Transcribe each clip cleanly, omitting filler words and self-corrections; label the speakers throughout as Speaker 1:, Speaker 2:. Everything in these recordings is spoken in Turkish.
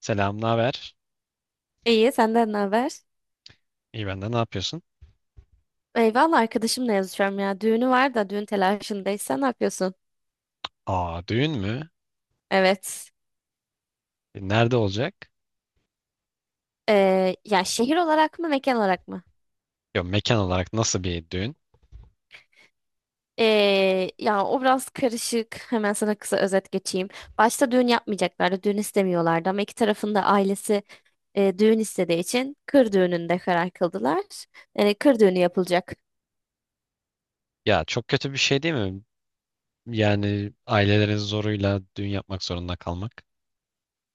Speaker 1: Selam, naber?
Speaker 2: İyi, senden ne haber?
Speaker 1: İyi ben de ne yapıyorsun?
Speaker 2: Eyvallah, arkadaşımla yazışıyorum ya. Düğünü var da düğün telaşındayız. Sen ne yapıyorsun?
Speaker 1: Aa, düğün mü?
Speaker 2: Evet.
Speaker 1: Nerede olacak?
Speaker 2: Ya şehir olarak mı mekan olarak mı?
Speaker 1: Ya mekan olarak nasıl bir düğün?
Speaker 2: Ya o biraz karışık. Hemen sana kısa özet geçeyim. Başta düğün yapmayacaklardı. Düğün istemiyorlardı ama iki tarafın da ailesi düğün istediği için kır düğününde karar kıldılar. Yani kır düğünü yapılacak.
Speaker 1: Ya çok kötü bir şey değil mi? Yani ailelerin zoruyla düğün yapmak zorunda kalmak.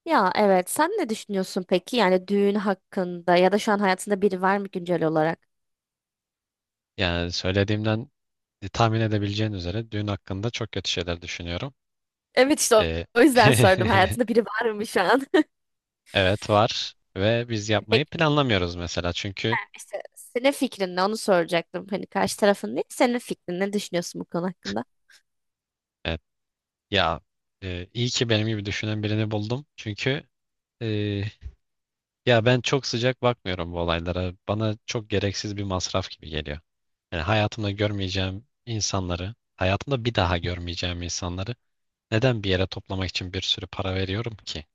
Speaker 2: Ya evet, sen ne düşünüyorsun peki? Yani düğün hakkında ya da şu an hayatında biri var mı güncel olarak?
Speaker 1: Yani söylediğimden tahmin edebileceğin üzere düğün hakkında çok kötü şeyler düşünüyorum.
Speaker 2: Evet, işte o
Speaker 1: E,
Speaker 2: o yüzden sordum. Hayatında biri var mı şu an?
Speaker 1: evet var ve biz
Speaker 2: Peki,
Speaker 1: yapmayı planlamıyoruz mesela çünkü
Speaker 2: ben işte senin fikrin ne onu soracaktım. Hani karşı tarafın değil, senin fikrin, ne düşünüyorsun bu konu hakkında?
Speaker 1: evet, ya iyi ki benim gibi düşünen birini buldum. Çünkü e, ya ben çok sıcak bakmıyorum bu olaylara. Bana çok gereksiz bir masraf gibi geliyor. Yani hayatımda görmeyeceğim insanları, hayatımda bir daha görmeyeceğim insanları neden bir yere toplamak için bir sürü para veriyorum ki?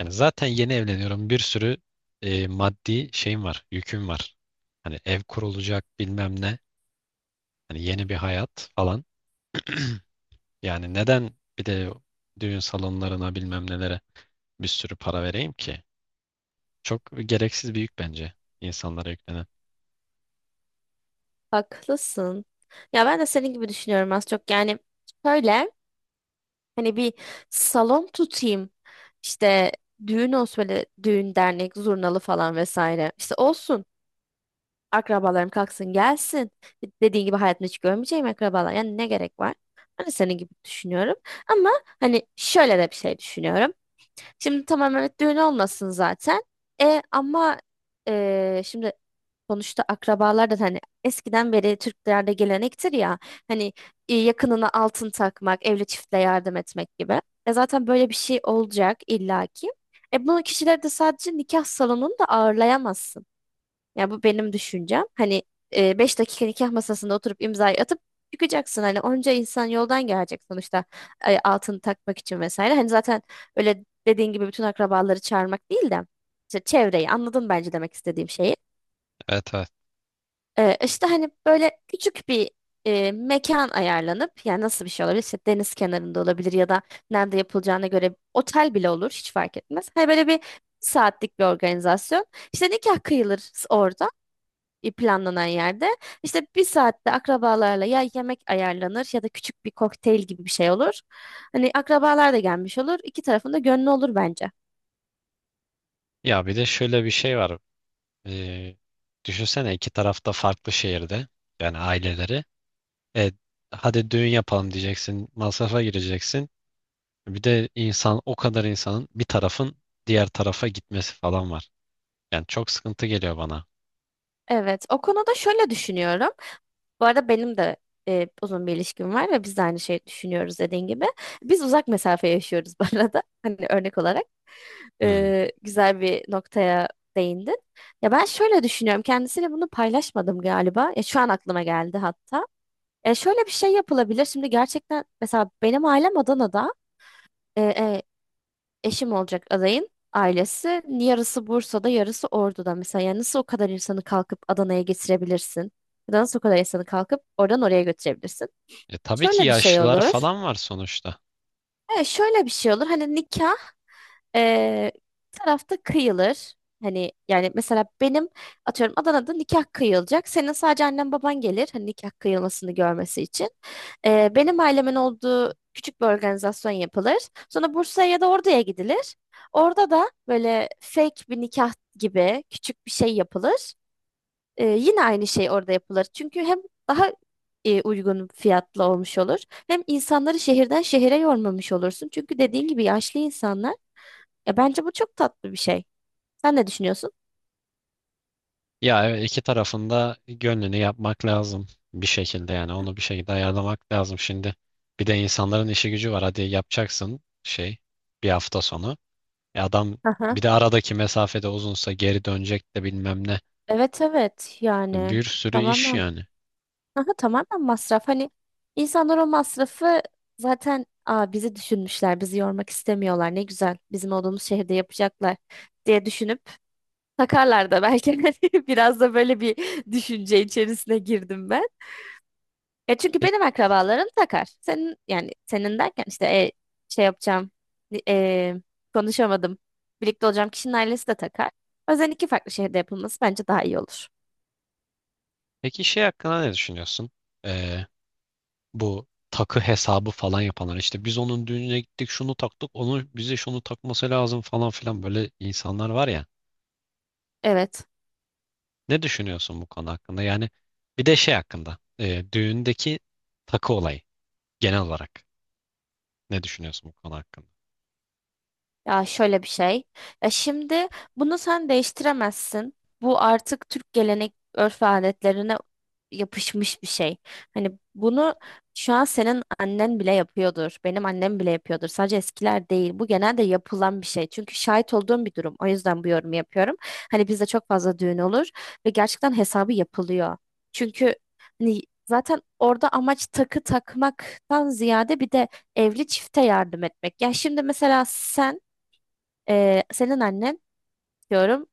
Speaker 1: Yani zaten yeni evleniyorum. Bir sürü maddi şeyim var, yüküm var. Hani ev kurulacak bilmem ne. Hani yeni bir hayat falan. Yani neden bir de düğün salonlarına bilmem nelere bir sürü para vereyim ki? Çok gereksiz bir yük bence insanlara yüklenen.
Speaker 2: Haklısın. Ya ben de senin gibi düşünüyorum az çok. Yani şöyle, hani bir salon tutayım. İşte düğün olsun, böyle düğün dernek zurnalı falan vesaire. İşte olsun. Akrabalarım kalksın gelsin. Dediğin gibi hayatımda hiç görmeyeceğim akrabalar. Yani ne gerek var? Hani senin gibi düşünüyorum. Ama hani şöyle de bir şey düşünüyorum. Şimdi tamam, evet, düğün olmasın zaten. E ama şimdi sonuçta akrabalar da hani eskiden beri Türklerde gelenektir ya, hani yakınına altın takmak, evli çiftle yardım etmek gibi. E zaten böyle bir şey olacak illaki. E bunu kişileri de sadece nikah salonunda ağırlayamazsın. Ya bu benim düşüncem. Hani 5 dakika nikah masasında oturup imzayı atıp çıkacaksın. Hani onca insan yoldan gelecek sonuçta altını takmak için vesaire. Hani zaten öyle dediğin gibi bütün akrabaları çağırmak değil de işte çevreyi, anladın bence demek istediğim şeyi.
Speaker 1: Evet, evet.
Speaker 2: İşte hani böyle küçük bir mekan ayarlanıp, yani nasıl bir şey olabilir? İşte deniz kenarında olabilir ya da nerede yapılacağına göre otel bile olur, hiç fark etmez. Hani böyle 1 saatlik bir organizasyon. İşte nikah kıyılır orada planlanan yerde. İşte 1 saatte akrabalarla ya yemek ayarlanır ya da küçük bir kokteyl gibi bir şey olur. Hani akrabalar da gelmiş olur. İki tarafın da gönlü olur bence.
Speaker 1: Ya bir de şöyle bir şey var. Ee, Düşünsene iki tarafta farklı şehirde, yani aileleri. E, Hadi düğün yapalım diyeceksin. Masrafa gireceksin. Bir de insan o kadar insanın bir tarafın diğer tarafa gitmesi falan var. Yani çok sıkıntı geliyor bana.
Speaker 2: Evet, o konuda şöyle düşünüyorum. Bu arada benim de uzun bir ilişkim var ve biz de aynı şeyi düşünüyoruz dediğin gibi. Biz uzak mesafe yaşıyoruz bu arada. Hani örnek olarak
Speaker 1: Hmm.
Speaker 2: güzel bir noktaya değindin. Ya ben şöyle düşünüyorum. Kendisiyle bunu paylaşmadım galiba. Ya şu an aklıma geldi hatta. E, şöyle bir şey yapılabilir. Şimdi gerçekten mesela benim ailem Adana'da, e, e, eşim olacak adayın ailesi. Yarısı Bursa'da, yarısı Ordu'da. Mesela yani nasıl o kadar insanı kalkıp Adana'ya getirebilirsin? Ya da nasıl o kadar insanı kalkıp oradan oraya götürebilirsin?
Speaker 1: Tabii ki
Speaker 2: Şöyle bir şey
Speaker 1: yaşlılar
Speaker 2: olur.
Speaker 1: falan var sonuçta.
Speaker 2: Evet, şöyle bir şey olur. Hani nikah e, bir tarafta kıyılır. Hani yani mesela benim atıyorum Adana'da nikah kıyılacak. Senin sadece annen baban gelir hani nikah kıyılmasını görmesi için. Benim ailemin olduğu küçük bir organizasyon yapılır. Sonra Bursa'ya ya da Ordu'ya gidilir. Orada da böyle fake bir nikah gibi küçük bir şey yapılır. Yine aynı şey orada yapılır. Çünkü hem daha uygun fiyatlı olmuş olur. Hem insanları şehirden şehire yormamış olursun. Çünkü dediğin gibi yaşlı insanlar. Ya bence bu çok tatlı bir şey. Sen ne düşünüyorsun?
Speaker 1: Ya evet, iki tarafında gönlünü yapmak lazım, bir şekilde yani onu bir şekilde ayarlamak lazım şimdi. Bir de insanların işi gücü var. Hadi yapacaksın şey, bir hafta sonu. Adam
Speaker 2: Aha.
Speaker 1: bir de aradaki mesafede uzunsa geri dönecek de bilmem ne.
Speaker 2: Evet, evet,
Speaker 1: Bir
Speaker 2: yani
Speaker 1: sürü iş
Speaker 2: tamamen,
Speaker 1: yani.
Speaker 2: aha, tamamen masraf. Hani insanlar o masrafı zaten, aa, bizi düşünmüşler, bizi yormak istemiyorlar. Ne güzel, bizim olduğumuz şehirde yapacaklar diye düşünüp takarlar da belki. Hani biraz da böyle bir düşünce içerisine girdim ben. Ya çünkü
Speaker 1: Peki,
Speaker 2: benim akrabalarım takar. Senin, yani senin derken işte, şey yapacağım e, konuşamadım. Birlikte olacağım kişinin ailesi de takar. O yüzden iki farklı şehirde yapılması bence daha iyi olur.
Speaker 1: peki, şey hakkında ne düşünüyorsun? Ee, Bu takı hesabı falan yapanlar, işte biz onun düğününe gittik şunu taktık onun bize şunu takması lazım falan filan, böyle insanlar var ya.
Speaker 2: Evet.
Speaker 1: Ne düşünüyorsun bu konu hakkında? Yani bir de şey hakkında, düğündeki takı olayı genel olarak ne düşünüyorsun bu konu hakkında?
Speaker 2: Ya şöyle bir şey. Ya şimdi bunu sen değiştiremezsin. Bu artık Türk gelenek örf ve adetlerine yapışmış bir şey. Hani bunu şu an senin annen bile yapıyordur. Benim annem bile yapıyordur. Sadece eskiler değil. Bu genelde yapılan bir şey. Çünkü şahit olduğum bir durum. O yüzden bu yorumu yapıyorum. Hani bizde çok fazla düğün olur ve gerçekten hesabı yapılıyor. Çünkü hani zaten orada amaç takı takmaktan ziyade bir de evli çifte yardım etmek. Ya şimdi mesela sen, senin annen diyorum,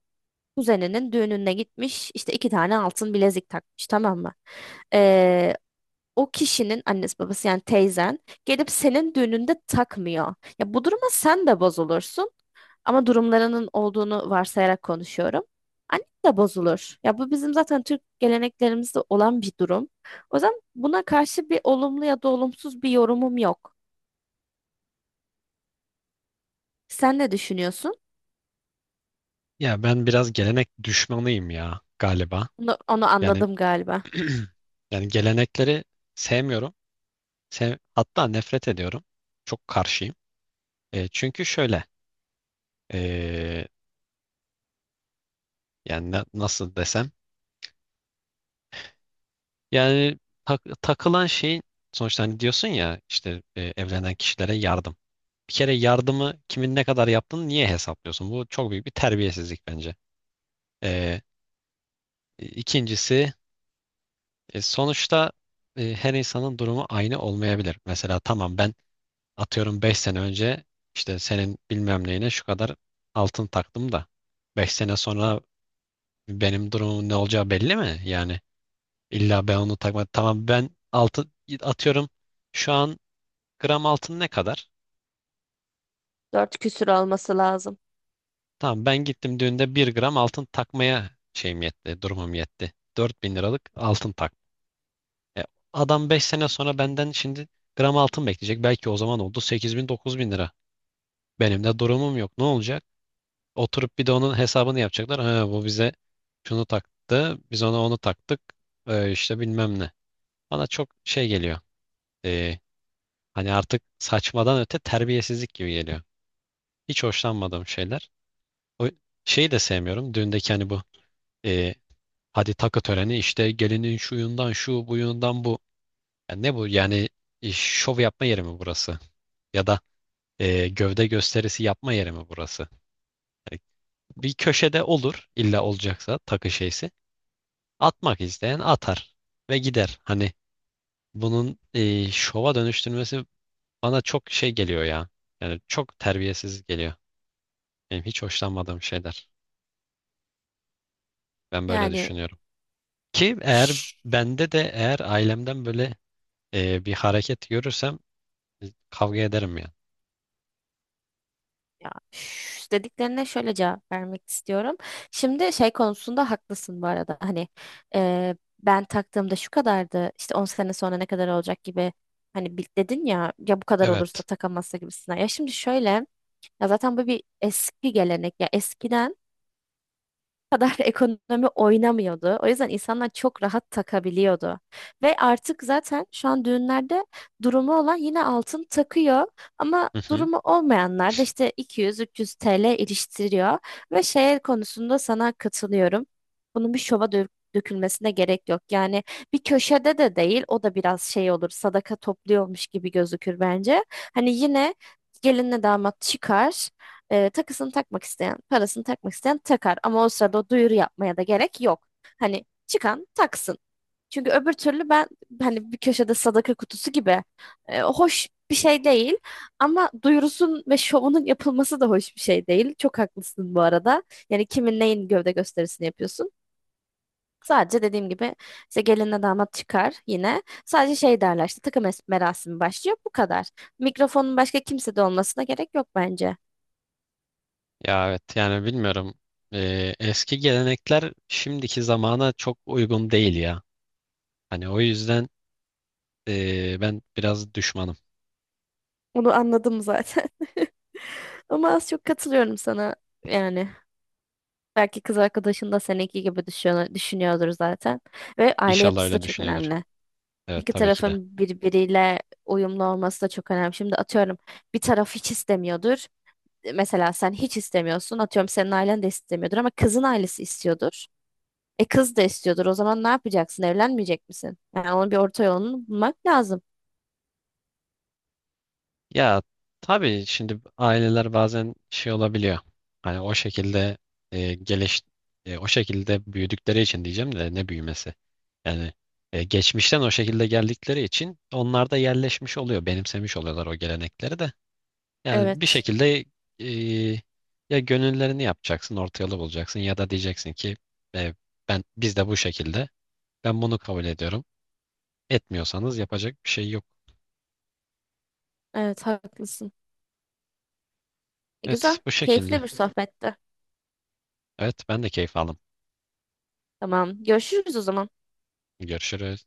Speaker 2: kuzeninin düğününe gitmiş işte iki tane altın bilezik takmış, tamam mı? Ee, o kişinin annesi babası, yani teyzen, gelip senin düğününde takmıyor. Ya bu duruma sen de bozulursun, ama durumlarının olduğunu varsayarak konuşuyorum. Annen de bozulur. Ya bu bizim zaten Türk geleneklerimizde olan bir durum. O yüzden buna karşı bir olumlu ya da olumsuz bir yorumum yok. Sen ne düşünüyorsun?
Speaker 1: Ya ben biraz gelenek düşmanıyım ya galiba.
Speaker 2: Onu
Speaker 1: Yani
Speaker 2: anladım galiba.
Speaker 1: yani gelenekleri sevmiyorum. Hatta nefret ediyorum. Çok karşıyım. Çünkü şöyle, e, yani nasıl desem, yani takılan şeyin sonuçta, hani diyorsun ya işte evlenen kişilere yardım. Bir kere yardımı kimin ne kadar yaptığını niye hesaplıyorsun? Bu çok büyük bir terbiyesizlik bence. E, ikincisi sonuçta her insanın durumu aynı olmayabilir. Mesela tamam ben, atıyorum 5 sene önce işte senin bilmem neyine şu kadar altın taktım da, 5 sene sonra benim durumumun ne olacağı belli mi? Yani illa ben onu takmadım. Tamam ben altın, atıyorum şu an gram altın ne kadar?
Speaker 2: Dört küsür olması lazım.
Speaker 1: Tamam ben gittim düğünde 1 gram altın takmaya şeyim yetti, durumum yetti, 4.000 liralık altın tak. E, Adam 5 sene sonra benden şimdi gram altın bekleyecek. Belki o zaman oldu 8.000 9.000 lira. Benim de durumum yok. Ne olacak? Oturup bir de onun hesabını yapacaklar. Ha, bu bize şunu taktı. Biz ona onu taktık. İşte bilmem ne. Bana çok şey geliyor. Ee, Hani artık saçmadan öte terbiyesizlik gibi geliyor. Hiç hoşlanmadığım şeyler. O şeyi de sevmiyorum. Düğündeki hani bu, ee, hadi takı töreni işte, gelinin şuyundan şu buyundan bu. Ya ne bu yani, şov yapma yeri mi burası? Ya da gövde gösterisi yapma yeri mi burası? Yani bir köşede olur illa olacaksa takı şeysi. Atmak isteyen atar ve gider. Hani bunun şova dönüştürmesi bana çok şey geliyor ya. Yani çok terbiyesiz geliyor. Benim hiç hoşlanmadığım şeyler. Ben böyle
Speaker 2: Yani
Speaker 1: düşünüyorum. Ki eğer
Speaker 2: şş,
Speaker 1: bende de, eğer ailemden böyle bir hareket görürsem kavga ederim yani.
Speaker 2: ya, şş dediklerine şöyle cevap vermek istiyorum. Şimdi şey konusunda haklısın bu arada. Hani e, ben taktığımda şu kadardı. İşte 10 sene sonra ne kadar olacak gibi. Hani dedin ya, ya bu kadar olursa
Speaker 1: Evet.
Speaker 2: takamazsa gibisinden. Ya şimdi şöyle, ya zaten bu bir eski gelenek. Ya eskiden kadar ekonomi oynamıyordu. O yüzden insanlar çok rahat takabiliyordu. Ve artık zaten şu an düğünlerde durumu olan yine altın takıyor, ama
Speaker 1: Hı hı.
Speaker 2: durumu olmayanlar da işte 200-300 TL iliştiriyor ve şey konusunda sana katılıyorum. Bunun bir dökülmesine gerek yok. Yani bir köşede de değil, o da biraz şey olur, sadaka topluyormuş gibi gözükür bence. Hani yine gelinle damat çıkar. E, takısını takmak isteyen, parasını takmak isteyen takar. Ama o sırada o duyuru yapmaya da gerek yok. Hani çıkan taksın. Çünkü öbür türlü, ben hani bir köşede sadaka kutusu gibi, e, hoş bir şey değil. Ama duyurusun ve şovunun yapılması da hoş bir şey değil. Çok haklısın bu arada. Yani kimin neyin gövde gösterisini yapıyorsun? Sadece dediğim gibi işte gelinle damat çıkar yine. Sadece şey derler, işte merasimi başlıyor, bu kadar. Mikrofonun başka kimsede olmasına gerek yok bence.
Speaker 1: Ya evet yani bilmiyorum. Eski gelenekler şimdiki zamana çok uygun değil ya. Hani o yüzden ben biraz düşmanım.
Speaker 2: Onu anladım zaten. Ama az çok katılıyorum sana yani. Belki kız arkadaşın da seninki gibi düşünüyordur zaten. Ve aile
Speaker 1: İnşallah
Speaker 2: yapısı da
Speaker 1: öyle
Speaker 2: çok
Speaker 1: düşünüyordur.
Speaker 2: önemli.
Speaker 1: Evet,
Speaker 2: İki
Speaker 1: tabii ki de.
Speaker 2: tarafın birbiriyle uyumlu olması da çok önemli. Şimdi atıyorum bir taraf hiç istemiyordur. Mesela sen hiç istemiyorsun. Atıyorum senin ailen de istemiyordur ama kızın ailesi istiyordur. E kız da istiyordur. O zaman ne yapacaksın? Evlenmeyecek misin? Yani onun bir orta yolunu bulmak lazım.
Speaker 1: Ya tabii şimdi aileler bazen şey olabiliyor. Hani o şekilde, e, geliş o şekilde büyüdükleri için diyeceğim de ne büyümesi. Yani geçmişten o şekilde geldikleri için onlar da yerleşmiş oluyor, benimsemiş oluyorlar o gelenekleri de. Yani bir
Speaker 2: Evet.
Speaker 1: şekilde e, ya gönüllerini yapacaksın, orta yolu bulacaksın, ya da diyeceksin ki e, ben biz de bu şekilde. Ben bunu kabul ediyorum. Etmiyorsanız yapacak bir şey yok.
Speaker 2: Evet, haklısın. E,
Speaker 1: Evet,
Speaker 2: güzel.
Speaker 1: bu şekilde.
Speaker 2: Keyifli bir sohbetti.
Speaker 1: Evet, ben de keyif aldım.
Speaker 2: Tamam. Görüşürüz o zaman.
Speaker 1: Görüşürüz.